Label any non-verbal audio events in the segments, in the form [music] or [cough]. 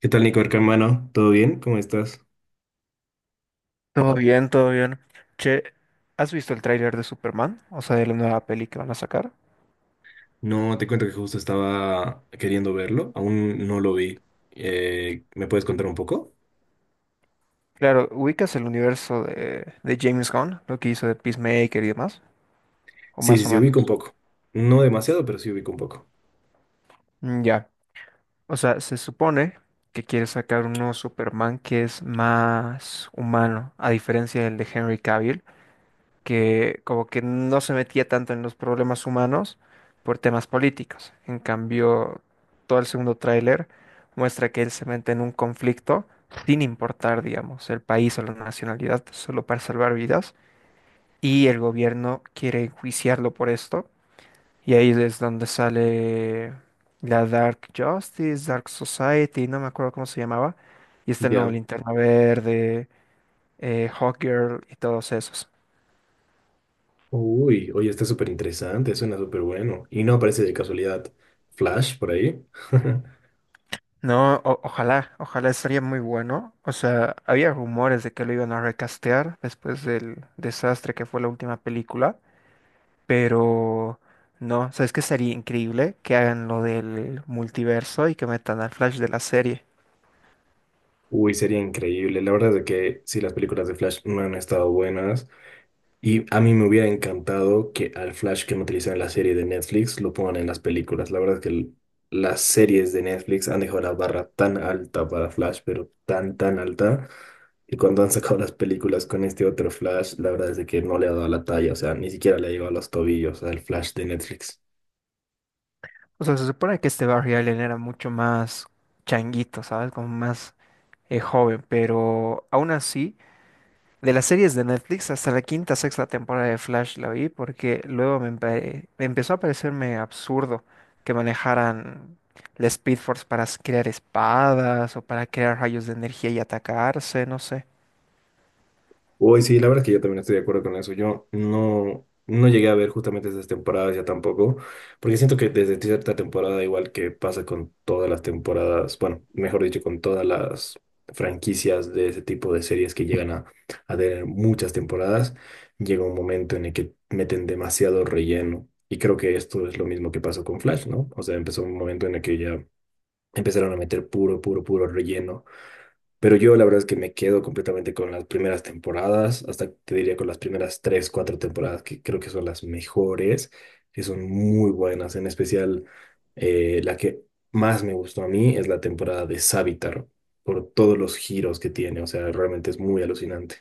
¿Qué tal, Nico, hermano? ¿Todo bien? ¿Cómo estás? Todo bien, todo bien. Che, ¿has visto el tráiler de Superman? O sea, de la nueva peli que van a sacar. No, te cuento que justo estaba queriendo verlo, aún no lo vi. ¿Me puedes contar un poco? Claro, ubicas el universo de James Gunn, lo que hizo de Peacemaker y demás, o Sí, sí, más o sí, ubico un menos. poco. No demasiado, pero sí ubico un poco. Ya. O sea, se supone que quiere sacar un nuevo Superman que es más humano, a diferencia del de Henry Cavill, que como que no se metía tanto en los problemas humanos por temas políticos. En cambio, todo el segundo tráiler muestra que él se mete en un conflicto sin importar, digamos, el país o la nacionalidad, solo para salvar vidas. Y el gobierno quiere enjuiciarlo por esto. Y ahí es donde sale la Dark Justice, Dark Society, no me acuerdo cómo se llamaba. Y está el nuevo Ya. Linterna Verde, Hawkgirl y todos esos. Uy, oye, está súper interesante, suena súper bueno. Y no aparece de casualidad Flash por ahí. [laughs] No, ojalá, ojalá estaría muy bueno. O sea, había rumores de que lo iban a recastear después del desastre que fue la última película, pero no, ¿sabes qué? Sería increíble que hagan lo del multiverso y que metan al Flash de la serie. Uy, sería increíble. La verdad es de que sí, las películas de Flash no han estado buenas. Y a mí me hubiera encantado que al Flash que han utilizado en la serie de Netflix lo pongan en las películas. La verdad es que las series de Netflix han dejado la barra tan alta para Flash, pero tan alta. Y cuando han sacado las películas con este otro Flash, la verdad es de que no le ha dado la talla, o sea, ni siquiera le ha llegado a los tobillos al Flash de Netflix. O sea, se supone que este Barry Allen era mucho más changuito, ¿sabes? Como más joven, pero aún así. De las series de Netflix, hasta la quinta, sexta temporada de Flash la vi porque luego me empezó a parecerme absurdo que manejaran la Speed Force para crear espadas o para crear rayos de energía y atacarse, no sé. Uy, sí, la verdad es que yo también estoy de acuerdo con eso. Yo no llegué a ver justamente esas temporadas ya tampoco, porque siento que desde cierta temporada, igual que pasa con todas las temporadas, bueno, mejor dicho, con todas las franquicias de ese tipo de series que llegan a tener muchas temporadas, llega un momento en el que meten demasiado relleno. Y creo que esto es lo mismo que pasó con Flash, ¿no? O sea, empezó un momento en el que ya empezaron a meter puro relleno, pero yo la verdad es que me quedo completamente con las primeras temporadas, hasta te diría con las primeras tres, cuatro temporadas, que creo que son las mejores, que son muy buenas. En especial, la que más me gustó a mí es la temporada de Savitar, por todos los giros que tiene. O sea, realmente es muy alucinante.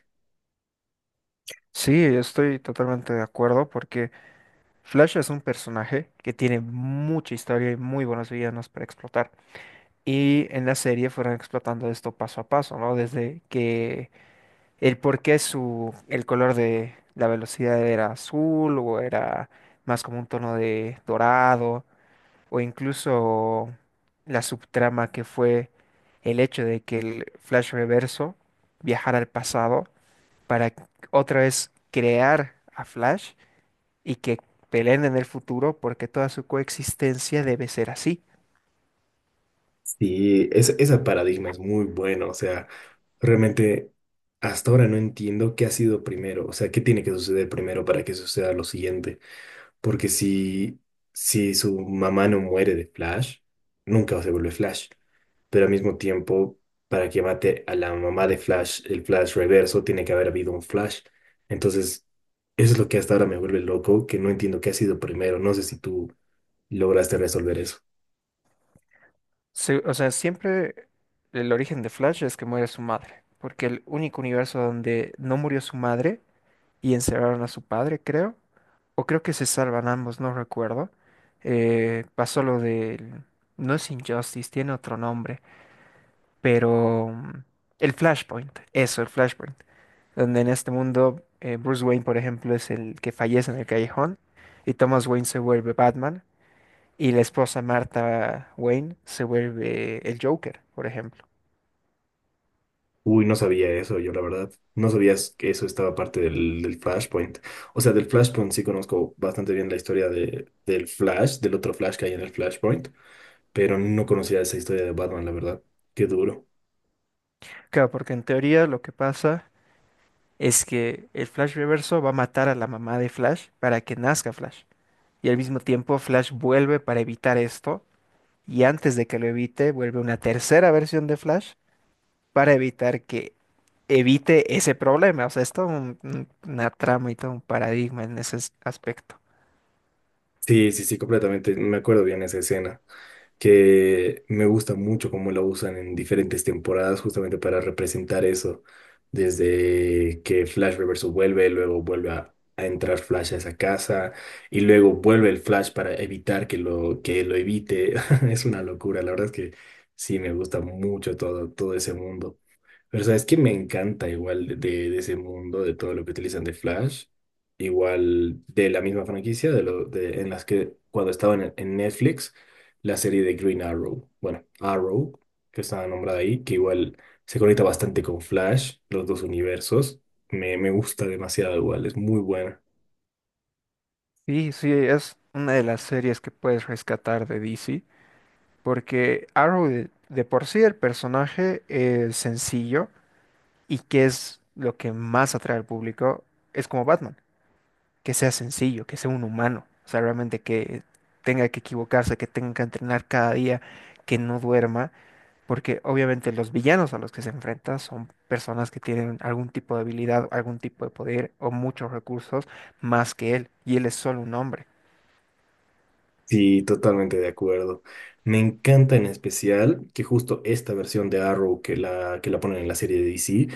Sí, estoy totalmente de acuerdo porque Flash es un personaje que tiene mucha historia y muy buenos villanos para explotar. Y en la serie fueron explotando esto paso a paso, ¿no? Desde que el por qué el color de la velocidad era azul o era más como un tono de dorado, o incluso la subtrama que fue el hecho de que el Flash Reverso viajara al pasado para otra vez crear a Flash y que peleen en el futuro porque toda su coexistencia debe ser así. Sí, es, esa paradigma es muy buena. O sea, realmente hasta ahora no entiendo qué ha sido primero. O sea, qué tiene que suceder primero para que suceda lo siguiente. Porque si su mamá no muere de Flash, nunca se vuelve Flash. Pero al mismo tiempo, para que mate a la mamá de Flash, el Flash reverso, tiene que haber habido un Flash. Entonces, eso es lo que hasta ahora me vuelve loco, que no entiendo qué ha sido primero. No sé si tú lograste resolver eso. O sea, siempre el origen de Flash es que muere su madre, porque el único universo donde no murió su madre y encerraron a su padre, creo. O creo que se salvan ambos, no recuerdo. Pasó lo del... No es Injustice, tiene otro nombre, pero... el Flashpoint, eso, el Flashpoint. Donde en este mundo Bruce Wayne, por ejemplo, es el que fallece en el callejón y Thomas Wayne se vuelve Batman y la esposa Martha Wayne se vuelve el Joker, por ejemplo. Uy, no sabía eso, yo la verdad. No sabías que eso estaba parte del Flashpoint. O sea, del Flashpoint sí conozco bastante bien la historia del Flash, del otro Flash que hay en el Flashpoint, pero no conocía esa historia de Batman, la verdad. Qué duro. Claro, porque en teoría lo que pasa es que el Flash Reverso va a matar a la mamá de Flash para que nazca Flash, y al mismo tiempo Flash vuelve para evitar esto y antes de que lo evite vuelve una tercera versión de Flash para evitar que evite ese problema. O sea, es todo una trama y todo un paradigma en ese aspecto. Sí, completamente. Me acuerdo bien esa escena, que me gusta mucho cómo lo usan en diferentes temporadas justamente para representar eso, desde que Flash Reverso vuelve, luego vuelve a entrar Flash a esa casa y luego vuelve el Flash para evitar que lo evite. [laughs] Es una locura, la verdad es que sí, me gusta mucho todo ese mundo. Pero sabes que me encanta igual de ese mundo, de todo lo que utilizan de Flash, igual de la misma franquicia, en las que cuando estaban en Netflix la serie de Green Arrow. Bueno, Arrow, que estaba nombrada ahí, que igual se conecta bastante con Flash, los dos universos. Me gusta demasiado igual, es muy buena. Sí, sí, es una de las series que puedes rescatar de DC porque Arrow de por sí el personaje es sencillo, y que es lo que más atrae al público es como Batman. Que sea sencillo, que sea un humano, o sea, realmente que tenga que equivocarse, que tenga que entrenar cada día, que no duerma, porque obviamente los villanos a los que se enfrenta son personas que tienen algún tipo de habilidad, algún tipo de poder o muchos recursos más que él, y él es solo un hombre. Sí, totalmente de acuerdo. Me encanta en especial que justo esta versión de Arrow que la ponen en la serie de DC,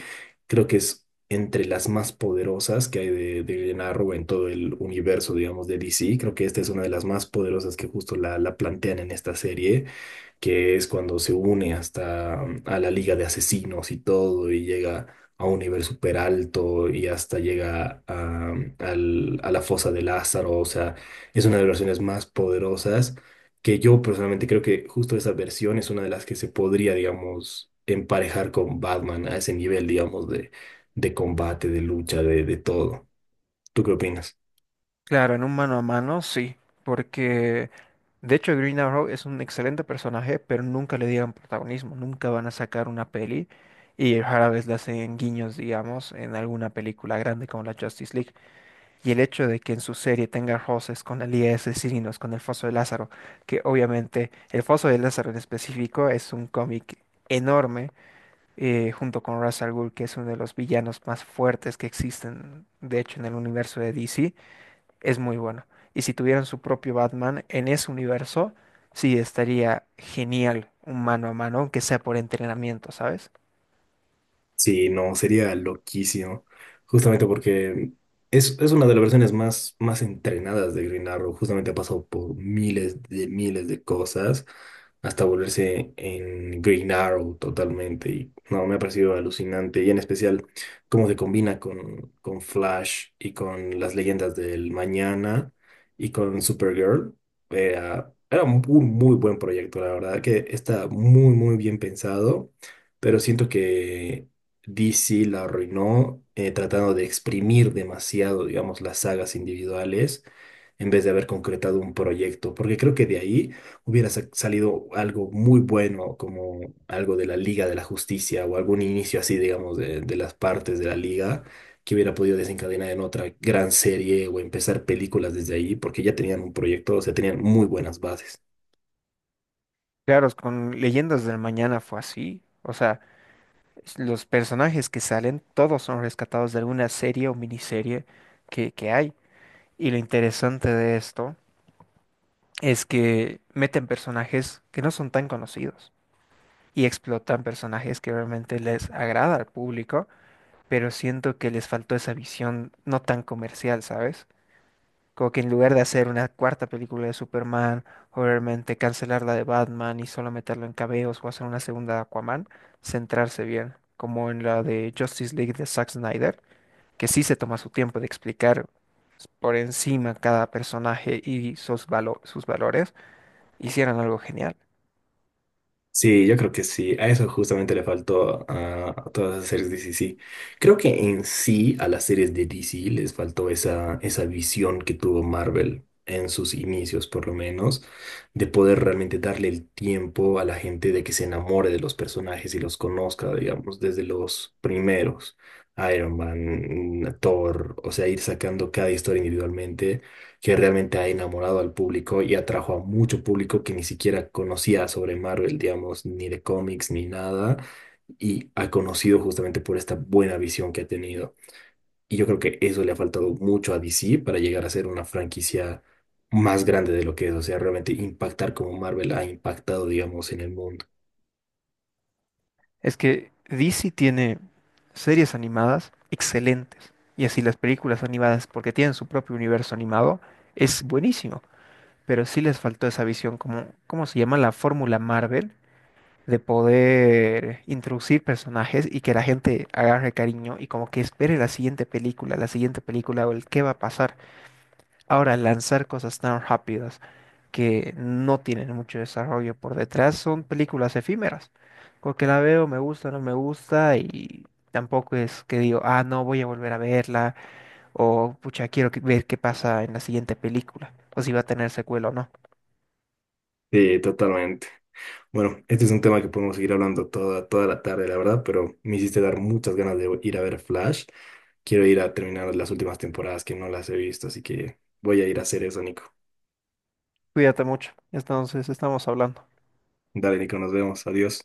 creo que es entre las más poderosas que hay de Arrow en todo el universo, digamos, de DC. Creo que esta es una de las más poderosas que justo la plantean en esta serie, que es cuando se une hasta mm, a la Liga de Asesinos y todo, y llega a un nivel súper alto y hasta llega a, mm, al- a la fosa de Lázaro. O sea, es una de las versiones más poderosas que yo personalmente creo que justo esa versión es una de las que se podría, digamos, emparejar con Batman a ese nivel, digamos, de combate, de lucha, de todo. ¿Tú qué opinas? Claro, en un mano a mano, sí, porque de hecho Green Arrow es un excelente personaje, pero nunca le dieron protagonismo, nunca van a sacar una peli. Y rara vez le hacen guiños, digamos, en alguna película grande como la Justice League. Y el hecho de que en su serie tenga roces con la de Asesinos, con el Foso de Lázaro, que obviamente el Foso de Lázaro en específico es un cómic enorme, junto con Ra's al Ghul, que es uno de los villanos más fuertes que existen, de hecho, en el universo de DC, es muy bueno. Y si tuvieran su propio Batman en ese universo, sí estaría genial un mano a mano, aunque sea por entrenamiento, ¿sabes? Sí, no, sería loquísimo. Justamente porque es una de las versiones más, más entrenadas de Green Arrow. Justamente ha pasado por miles de cosas hasta volverse en Green Arrow totalmente. Y no, me ha parecido alucinante. Y en especial cómo se combina con Flash y con las leyendas del mañana y con Supergirl. Era un muy, muy buen proyecto, la verdad, que está muy, muy bien pensado. Pero siento que DC la arruinó, tratando de exprimir demasiado, digamos, las sagas individuales en vez de haber concretado un proyecto, porque creo que de ahí hubiera salido algo muy bueno, como algo de la Liga de la Justicia o algún inicio así, digamos, de las partes de la Liga que hubiera podido desencadenar en otra gran serie o empezar películas desde ahí, porque ya tenían un proyecto, o sea, tenían muy buenas bases. Claro, con Leyendas del Mañana fue así. O sea, los personajes que salen, todos son rescatados de alguna serie o miniserie que hay. Y lo interesante de esto es que meten personajes que no son tan conocidos y explotan personajes que realmente les agrada al público, pero siento que les faltó esa visión no tan comercial, ¿sabes? Como que en lugar de hacer una cuarta película de Superman, o realmente cancelar la de Batman y solo meterlo en cameos, o hacer una segunda de Aquaman, centrarse bien, como en la de Justice League de Zack Snyder, que sí se toma su tiempo de explicar por encima cada personaje y sus sus valores, hicieran algo genial. Sí, yo creo que sí. A eso justamente le faltó a todas las series de DC. Sí, creo que en sí a las series de DC les faltó esa, esa visión que tuvo Marvel en sus inicios, por lo menos, de poder realmente darle el tiempo a la gente de que se enamore de los personajes y los conozca, digamos, desde los primeros. Iron Man, Thor, o sea, ir sacando cada historia individualmente, que realmente ha enamorado al público y atrajo a mucho público que ni siquiera conocía sobre Marvel, digamos, ni de cómics, ni nada, y ha conocido justamente por esta buena visión que ha tenido. Y yo creo que eso le ha faltado mucho a DC para llegar a ser una franquicia más grande de lo que es, o sea, realmente impactar como Marvel ha impactado, digamos, en el mundo. Es que DC tiene series animadas excelentes. Y así las películas animadas, porque tienen su propio universo animado, es buenísimo. Pero sí les faltó esa visión, como, ¿cómo se llama? La fórmula Marvel, de poder introducir personajes y que la gente agarre cariño y como que espere la siguiente película o el qué va a pasar. Ahora, lanzar cosas tan rápidas que no tienen mucho desarrollo por detrás son películas efímeras, porque la veo, me gusta, no me gusta y tampoco es que digo, ah, no, voy a volver a verla o pucha, ver qué pasa en la siguiente película o si va a tener secuela o no. Sí, totalmente. Bueno, este es un tema que podemos seguir hablando toda la tarde, la verdad, pero me hiciste dar muchas ganas de ir a ver Flash. Quiero ir a terminar las últimas temporadas que no las he visto, así que voy a ir a hacer eso, Nico. Cuídate mucho, entonces estamos hablando. Dale, Nico, nos vemos. Adiós.